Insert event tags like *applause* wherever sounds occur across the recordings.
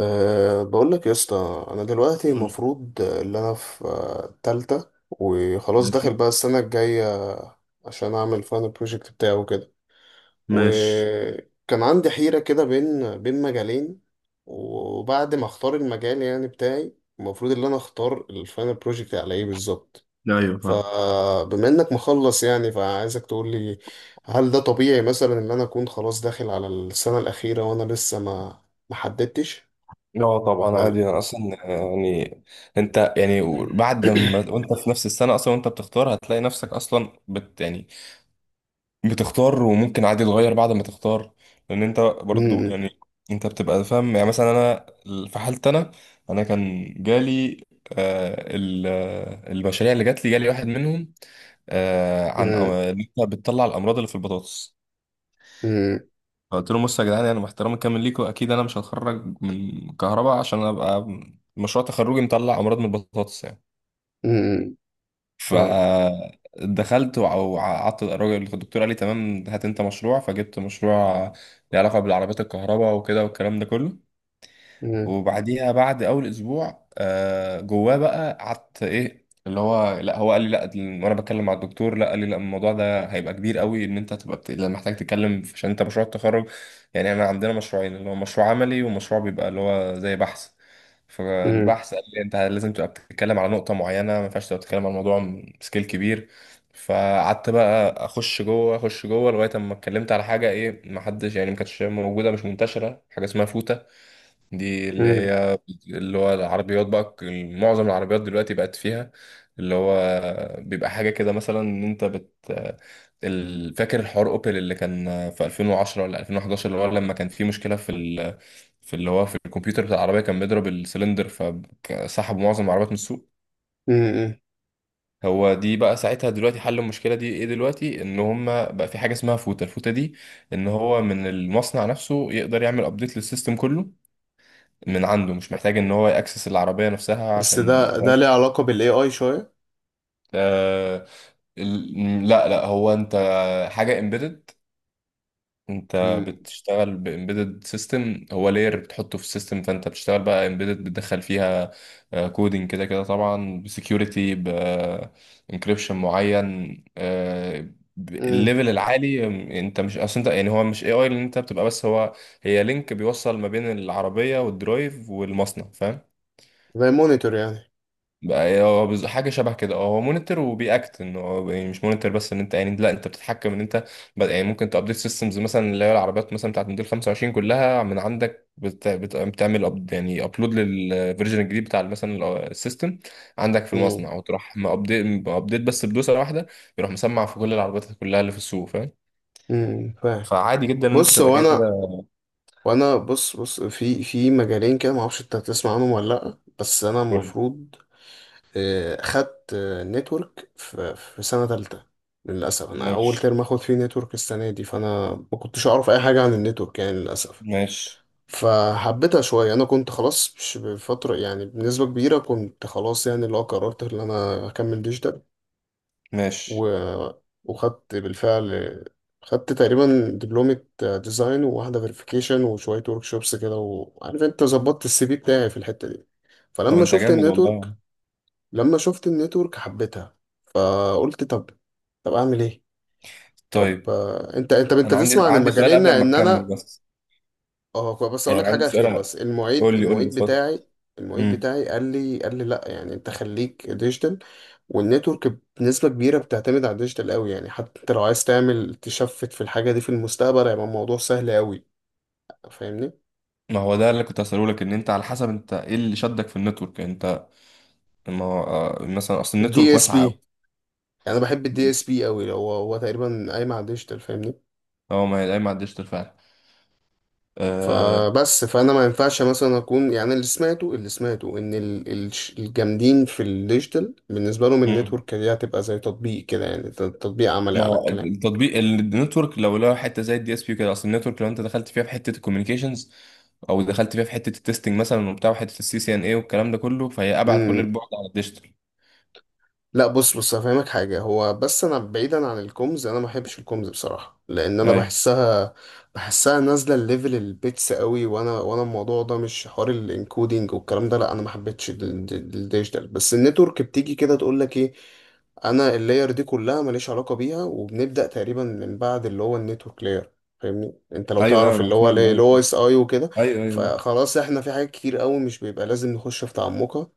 بقول لك يا اسطى، انا دلوقتي قول. المفروض ان انا في تالتة وخلاص داخل ماشي. بقى السنة الجاية عشان اعمل فاينل بروجكت بتاعه وكده. ماشي. وكان عندي حيرة كده بين مجالين، وبعد ما اختار المجال يعني بتاعي، المفروض ان انا اختار الفاينل بروجكت على ايه بالظبط. لا ايوه فاهم. فبما انك مخلص يعني، فعايزك تقول لي، هل ده طبيعي مثلا ان انا اكون خلاص داخل على السنة الأخيرة وانا لسه ما حددتش، ولا؟ يعني انت بعد ما *clears throat* وانت في نفس السنه اصلا وانت بتختار هتطلع بت بتختار وممكن عادي تغير بعد ما تختار. لان انت برضو انت بتبقى فاهم، يعني مثلا انا في حالتي انا، انا كان جالي آه ال- آه، المشاريع اللي جات لي جالي واحد منهم عن ان انت بتطلع الامراض اللي في البطاطس. 嗯嗯嗯嗯فاهم. قلت لهم بصوا يا جدعان، انا باحترامي الكامل ليكم، اكيد انا مش هتخرج من كهرباء عشان ابقى مشروع تخرجي مطلع امراض من البطاطس يعني. فدخلت وقعدت، الراجل الدكتور قال لي تمام، هات انت مشروع، فجبت مشروع له علاقه بالعربيات الكهرباء وكده والكلام ده كله. مم. وبعديها بعد اول اسبوع جواه بقى قعدت ايه اللي هو، لا هو قال لي لا، وانا بتكلم مع الدكتور، لا قال لي لا، الموضوع ده هيبقى كبير قوي، ان انت هتبقى بت... لأ، محتاج تتكلم عشان انت مشروع التخرج، يعني انا عندنا مشروعين اللي هو مشروع عملي ومشروع بيبقى اللي هو زي بحث. مم. فالبحث قال لي انت لازم تبقى بتتكلم على نقطة معينة، ما ينفعش تبقى بتتكلم على موضوع سكيل كبير. فقعدت بقى اخش جوه اخش جوه لغايه اما اتكلمت على حاجه ايه، ما حدش يعني ما كانتش موجوده، مش منتشره، حاجه اسمها فوتا. دي اللي مم. هي اللي هو العربيات بقى، معظم العربيات دلوقتي بقت فيها اللي هو، بيبقى حاجة كده مثلا ان انت بت فاكر الحوار اوبل اللي كان في 2010 ولا 2011، اللي هو لما كان في مشكلة في ال... في اللي هو في الكمبيوتر بتاع العربية كان بيضرب السلندر، فسحبوا معظم العربيات من السوق. مم. هو دي بقى ساعتها، دلوقتي حل المشكلة دي ايه؟ دلوقتي ان هم بقى في حاجة اسمها فوتة، الفوتة دي ان هو من المصنع نفسه يقدر يعمل ابديت للسيستم كله من عنده، مش محتاج ان هو يأكسس العربية نفسها بس عشان ده ده فاهم. ليه علاقة بال AI شوية؟ آه لا هو انت حاجة امبيدد. انت مم. بتشتغل بامبيدد سيستم، هو لاير بتحطه في السيستم، فانت بتشتغل بقى امبيدد، بتدخل فيها كودينج كده كده طبعا، بسكيورتي بانكريبشن معين، مم. الليفل العالي. انت مش اصل انت يعني هو مش اي اي اللي انت بتبقى، بس هو هي لينك بيوصل ما بين العربية والدرايف والمصنع، فاهم. زي مونيتور يعني. بقى حاجه شبه كده، اه هو مونيتور وبيأكت، انه هو يعني مش مونيتور بس، ان انت يعني لا انت بتتحكم ان انت يعني ممكن تابديت سيستمز مثلا، اللي هي العربيات مثلا بتاعت موديل 25 كلها، من عندك بت... بت... بتعمل أب... يعني ابلود للفيرجن الجديد بتاع مثلا السيستم عندك في مم. المصنع، وتروح مأبديت بس بدوسه واحده، يروح مسمع في كل العربيات كلها اللي في السوق، فاهم. مم. فاهم. فعادي جدا ان انت بص، تبقى هو كده كده. انا، وانا بص في في مجالين كده، معرفش انت هتسمع عنهم ولا لأ، بس انا كل. المفروض خدت نتورك في في سنة تالتة. للأسف أنا أول ماشي. ترم آخد فيه نتورك السنة دي، فأنا ما كنتش أعرف أي حاجة عن النتورك يعني للأسف. ماشي. فحبيتها شوية، أنا كنت خلاص مش بفترة يعني، بنسبة كبيرة كنت خلاص يعني اللي هو قررت إن أنا أكمل ديجيتال و... ماشي. وخدت بالفعل. خدت تقريبا دبلومة ديزاين، وواحدة فيريفيكيشن، وشوية ورك شوبس كده، وعارف أنت ظبطت السي في بتاعي في الحتة دي. طب فلما انت شفت جامد النتورك والله. لما شفت النتورك حبيتها. فقلت طب أعمل إيه؟ طب طيب، أنت انا عندي تسمع عن سؤال المجالين قبل ما إن تكمل أنا، بس، بس اقول لك يعني عندي حاجه اخيره. سؤال. بس المعيد قول لي المعيد اتفضل. بتاعي المعيد امم، بتاعي قال لي لا، يعني انت خليك ديجيتال. والنتورك بنسبه كبيره بتعتمد على الديجيتال قوي يعني، حتى انت لو عايز تعمل تشفت في الحاجه دي في المستقبل هيبقى الموضوع سهل قوي، فاهمني. ما هو ده اللي كنت هسأله لك، ان انت على حسب انت ايه اللي شدك في النتورك انت. ما هو مثلا اصل الدي النتورك اس واسعه بي، قوي. يعني انا بحب الدي اس بي قوي، هو تقريبا قايم على الديجيتال، فاهمني. اه ما هي دايما على الديجيتال فعلا، آه، فبس، فانا ما ينفعش مثلا اكون يعني، اللي سمعته ان الجامدين في الديجيتال بالنسبه لهم مم. النتورك دي هتبقى زي تطبيق كده يعني، تطبيق عملي ما على هو التطبيق النتورك لو لها حته زي الدي اس بي كده، اصل النتورك لو انت دخلت فيها في حته الكوميونيكيشنز، او دخلت فيها في حته التستنج مثلا وبتاع وحته السي سي ان اي والكلام ده كله، فهي ابعد كل الكلام. البعد عن الديجيتال. لا بص، هفهمك حاجة، هو بس أنا بعيدا عن الكومز، أنا ما بحبش الكومز بصراحة، لأن أنا ايوه بحسها نازلة الليفل البيتس قوي، وأنا الموضوع ده مش حوار الانكودينج والكلام ده. لا أنا ما حبيتش الديجيتال، بس النتورك بتيجي كده تقول لك إيه، أنا اللاير دي كلها ماليش علاقة بيها، وبنبدأ تقريبا من بعد اللي هو النتورك لاير، فاهمني. انت لو ايوه تعرف انا اللي هو فاهم. اللي ايوه هو اس اي وكده، ايوه ايوه فخلاص احنا في حاجات كتير قوي مش بيبقى لازم نخش في تعمقها،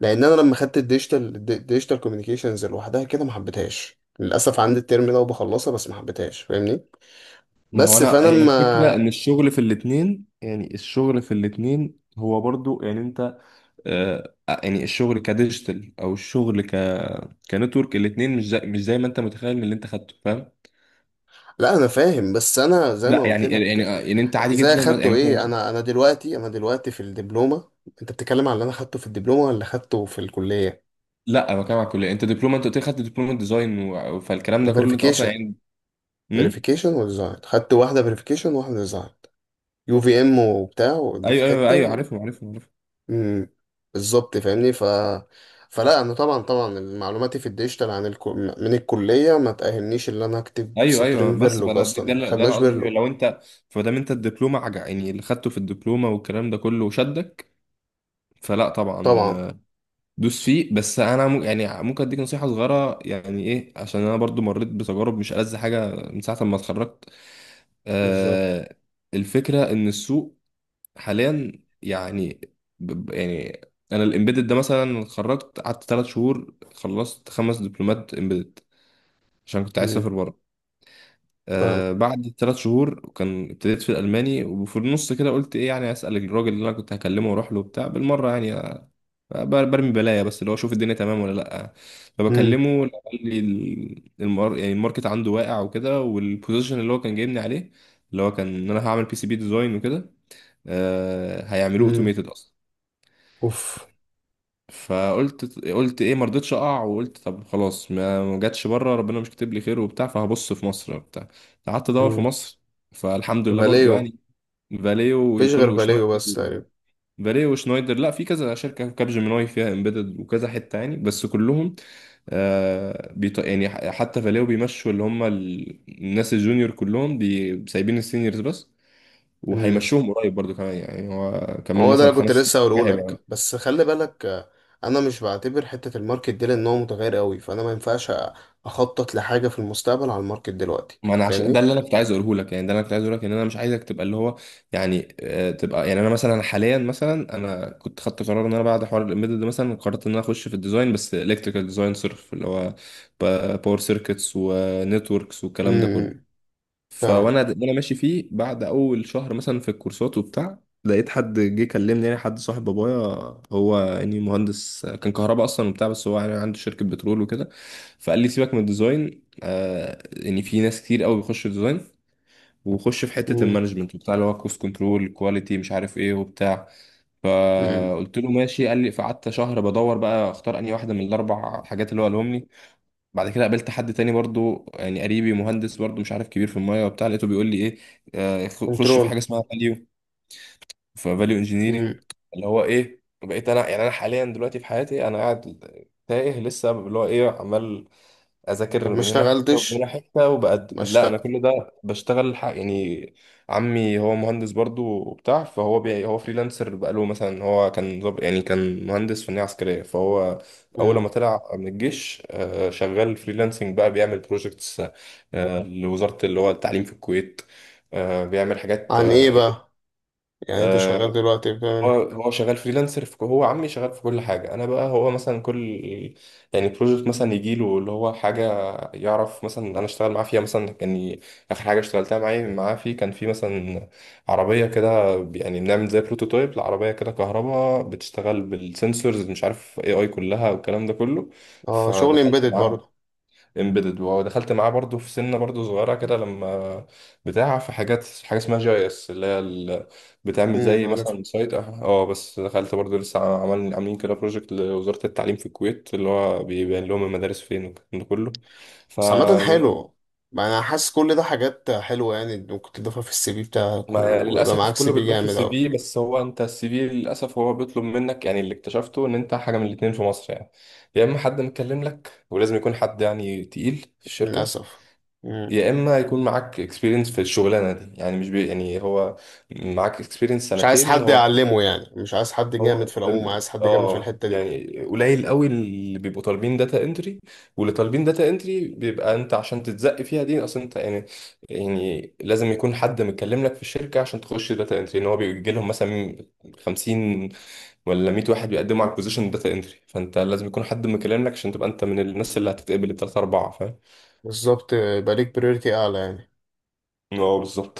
لان انا لما خدت الديجيتال كوميونيكيشنز لوحدها كده ما حبيتهاش للاسف، عندي الترم ده وبخلصها بس ما حبيتهاش، فاهمني. ما هو بس انا فانا هي الفكره ما ان الشغل في الاتنين، الشغل في الاتنين هو برضو انت آه يعني الشغل كديجيتال او الشغل ك كنتورك، الاتنين مش زي ما انت متخيل من اللي انت خدته، فاهم. لا انا فاهم، بس انا زي لا ما قلت لك، يعني انت عادي زي جدا اخدته يعني ايه مثلا. انا دلوقتي في الدبلومه، انت بتتكلم على اللي انا خدته في الدبلومه ولا خدته في الكليه؟ لا انا بتكلم على الكليه، انت دبلومه، انت قلت لي خدت دبلومه ديزاين و... فالكلام ده كله انت اصلا وفيريفيكيشن يعني. امم. فيريفيكيشن وديزاين، خدت واحده فيريفيكيشن وواحده ديزاين، يو في ام وبتاع ودي في ايوه أيوه، حته. عارفهم عارفهم. امم. بالظبط، فاهمني. ف، فلا انا طبعا، طبعا معلوماتي في الديجيتال من الكليه ما تاهلنيش ان انا اكتب ايوه سطرين بس فيرلوج، اصلا ما ده اللي خدناش قصدي فيه فيرلوج. لو انت فدام انت الدبلومه عجع، يعني اللي خدته في الدبلومه والكلام ده كله شدك، فلا طبعا طبعا. دوس فيه، بس انا يعني ممكن اديك نصيحه صغيره يعني ايه، عشان انا برضو مريت بتجارب مش ألذ حاجه من ساعه ما اتخرجت. بالظبط. آه الفكره ان السوق حاليا يعني، يعني انا الامبيدد ده مثلا اتخرجت قعدت ثلاث شهور خلصت خمس دبلومات امبيدد، عشان كنت عايز اسافر امم. بره. فاهم. بعد ثلاث شهور كان ابتديت في الالماني، وفي النص كده قلت ايه يعني اسال الراجل اللي انا كنت هكلمه واروح له بتاع بالمره، يعني برمي بلايا بس اللي هو اشوف الدنيا تمام ولا لا. امم. فبكلمه، لا، قال لي يعني الماركت عنده واقع وكده، والبوزيشن اللي هو كان جايبني عليه اللي هو كان ان انا هعمل بي سي بي ديزاين وكده، هيعملوه امم. اوتوميتد اصلا. اوف. قلت ايه ما رضيتش اقع، وقلت طب خلاص، ما جاتش بره ربنا مش كاتب لي خير وبتاع، فهبص في مصر وبتاع. قعدت ادور في امم. مصر، فالحمد لله برضو فاليو. يعني فاليو مفيش وكل غير فاليو وشنايدر. بس تقريبا. فاليو وشنايدر، لا في كذا شركه، كاب جيميناي فيها امبيدد وكذا حته يعني، بس كلهم يعني حتى فاليو بيمشوا اللي هم الناس الجونيور كلهم بي... سايبين السينيورز بس، امم. وهيمشوهم قريب برضو كمان يعني، هو كمان هو ده مثلا اللي كنت خمس سنين لسه كده هقوله هيبقى. لك، بس خلي بالك انا مش بعتبر حته الماركت دي لان هو متغير قوي، فانا ما ينفعش اخطط لحاجه في المستقبل على الماركت دلوقتي، ما انا ده فاهمني. اللي انا كنت عايز اقوله لك، يعني ده اللي انا كنت عايز اقوله لك، ان انا مش عايزك تبقى اللي هو يعني تبقى. يعني انا مثلا حاليا مثلا انا كنت خدت قرار، ان انا بعد حوار الامبيدد ده مثلا قررت ان انا اخش في الديزاين، بس الكتريكال ديزاين صرف، اللي هو باور سيركتس ونتوركس والكلام ده امم. كله. فاهم. وانا ماشي فيه بعد اول شهر مثلا في الكورسات وبتاع، لقيت حد جه كلمني، يعني حد صاحب بابايا، هو يعني مهندس كان كهرباء اصلا وبتاع، بس هو يعني عنده شركه بترول وكده. فقال لي سيبك من الديزاين، يعني في ناس كتير قوي بيخشوا ديزاين، وخش في حته مم. المانجمنت بتاع اللي هو كوست كنترول كواليتي مش عارف ايه وبتاع. مم. فقلت له ماشي. قال لي، فقعدت شهر بدور بقى اختار انهي واحده من الاربع حاجات اللي هو قالهم لي. بعد كده قابلت حد تاني برضو يعني قريبي، مهندس برضو مش عارف كبير في المايه وبتاع، لقيته بيقول لي ايه، خش في حاجه كنترول. اسمها فاليو، في فاليو مم. انجينيرنج اللي هو ايه. بقيت انا يعني انا حاليا دلوقتي في حياتي انا قاعد تايه لسه، اللي هو ايه، عمال اذاكر طب ما من هنا حته ومن هنا اشتغلتش، حته، ما وبقدم، لا انا اشتغل. كل ده بشتغل يعني. عمي هو مهندس برضو وبتاع، فهو هو فريلانسر بقاله، مثلا هو كان يعني كان مهندس فنية عسكرية، فهو اول مم. ما طلع من الجيش شغال فريلانسنج بقى، بيعمل بروجكتس لوزارة اللي هو التعليم في الكويت، بيعمل حاجات عن ايه بقى، يعني انت آه، شغال دلوقتي بتعمل هو ايه؟ شغال فريلانسر في، هو عمي شغال في كل حاجة. أنا بقى، هو مثلا كل يعني بروجكت مثلا يجي له اللي هو حاجة يعرف مثلا أنا أشتغل معاه فيها، مثلا كان آخر حاجة اشتغلتها معايا معاه فيه كان في مثلا عربية كده، يعني بنعمل زي بروتوتايب لعربية كده كهرباء بتشتغل بالسنسورز مش عارف اي اي كلها والكلام ده كله. اه، شغل فدخلت امبيدد معاه برضه. امبيدد، ودخلت معاه برضو في سنه برضو صغيره كده لما بتاع، في حاجات حاجه اسمها جي اس اللي هي بتعمل زي عارفها. مثلا سايت اه بس دخلت برضو لسه، عمل عاملين كده بروجكت لوزاره التعليم في الكويت اللي هو بيبين لهم المدارس فين والكلام ده كله. ف بس عامة حلو، ما انا حاسس كل ده حاجات حلوة يعني، ممكن تضيفها في السي في بتاعك ما ويبقى للاسف معاك سي كله في بيتضاف في جامد السي اوي. في، بس هو انت السي في للاسف هو بيطلب منك يعني، اللي اكتشفته ان انت حاجه من الاتنين في مصر يعني. يا اما حد مكلم لك ولازم يكون حد يعني تقيل في الشركه، للأسف. مم. يا اما يكون معاك اكسبيرينس في الشغلانه دي، يعني مش بي يعني هو معاك اكسبيرينس مش عايز سنتين حد هو يعلمه يعني، مش عايز حد جامد هو في العموم، عايز حد جامد في اه الحتة دي. يعني قليل قوي اللي بيبقوا طالبين داتا انتري، واللي طالبين داتا انتري بيبقى انت عشان تتزق فيها دي اصلا انت يعني، يعني لازم يكون حد متكلم لك في الشركه عشان تخش داتا انتري، ان هو بيجي لهم مثلا 50 ولا 100 واحد بيقدموا على البوزيشن داتا انتري، فانت لازم يكون حد مكلم لك عشان تبقى انت من الناس اللي هتتقبل الثلاثه اربعه، فاهم. بالظبط، يبقى ليك بريورتي اعلى يعني. اه بالظبط،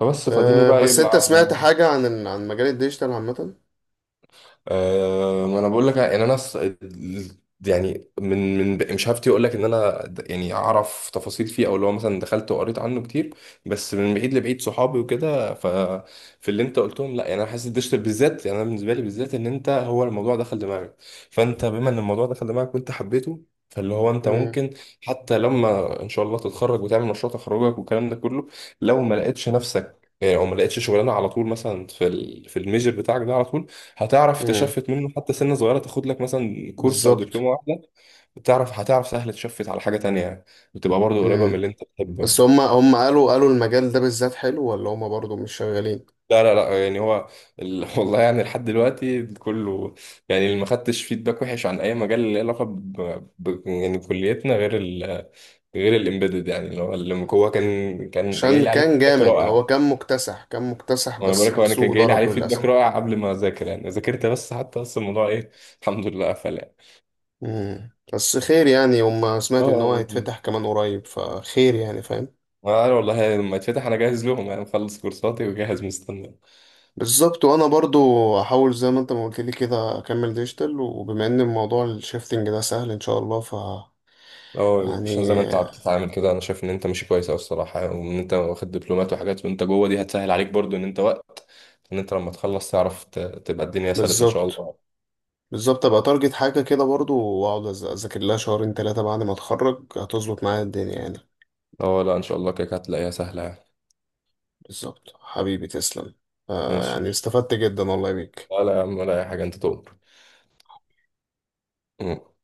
فبس فاديني أه بقى بس انت يبقى. سمعت حاجة عن عن مجال الديجيتال عامة؟ أه، ما انا بقول لك ان انا يعني من مش هفتي اقول لك ان انا يعني اعرف تفاصيل فيه او اللي هو مثلا دخلت وقريت عنه كتير، بس من بعيد لبعيد صحابي وكده. ففي اللي انت قلتهم لا يعني انا حاسس الديجيتال بالذات، يعني انا بالنسبه لي بالذات ان انت هو الموضوع دخل دماغك، فانت بما ان الموضوع دخل دماغك وانت حبيته، فاللي هو انت مم. ممكن حتى لما ان شاء الله تتخرج وتعمل مشروع تخرجك والكلام ده كله، لو ما لقيتش نفسك يعني او ما لقيتش شغلانه على طول مثلا في في الميجر بتاعك ده على طول، هتعرف مم. تشفت منه، حتى سنة صغيرة تاخد لك مثلا كورس أو بالظبط. دبلومة واحدة، بتعرف هتعرف سهل تشفت على حاجة تانية يعني. بتبقى برضه قريبة من مم. اللي أنت بتحبها. بس هم قالوا المجال ده بالذات حلو، ولا هم برضو مش شغالين؟ لا يعني هو ال... *laughs* والله يعني لحد دلوقتي كله، يعني اللي ما خدتش فيدباك وحش عن أي مجال اللي له علاقة ب... ب... يعني كليتنا غير ال... غير الإمبيدد، يعني اللي هو اللي هو كان جاي عشان لي عليه كان فيدباك جامد، رائع. هو كان مكتسح، كان مكتسح، وانا بقول بس لك، هو انا كان السوق جاي لي عليه ضرب فيدباك للأسف. رائع قبل ما اذاكر يعني، ذاكرت بس حتى بس الموضوع ايه، الحمد لله قفل يعني. مم. بس خير يعني، هم سمعت ان هو اه هيتفتح كمان قريب، فخير يعني، فاهم. عارف والله، لما يتفتح انا جاهز لهم يعني، مخلص كورساتي وجاهز مستني. بالظبط. وانا برضو هحاول زي ما انت ما قلت لي كده اكمل ديجيتال، وبما ان الموضوع الشيفتنج ده سهل ان شاء الله، اه، عشان زي يعني ما انت عم تتعامل كده انا شايف ان انت ماشي كويس اوي الصراحه، وان انت واخد دبلومات وحاجات وانت جوه دي هتسهل عليك برضو، ان انت وقت ان انت لما تخلص تعرف تبقى الدنيا سلسه ان شاء بالظبط. الله. بالظبط، ابقى تارجت حاجة كده برضو، واقعد اذاكر لها شهرين ثلاثة بعد ما اتخرج، هتظبط معايا الدنيا يعني. اه، لا ان شاء الله كده كده هتلاقيها سهله يعني. بالظبط حبيبي، تسلم. يعني ماشي. استفدت جدا والله بيك. لا لا يا عم ولا اي حاجه، انت تؤمر.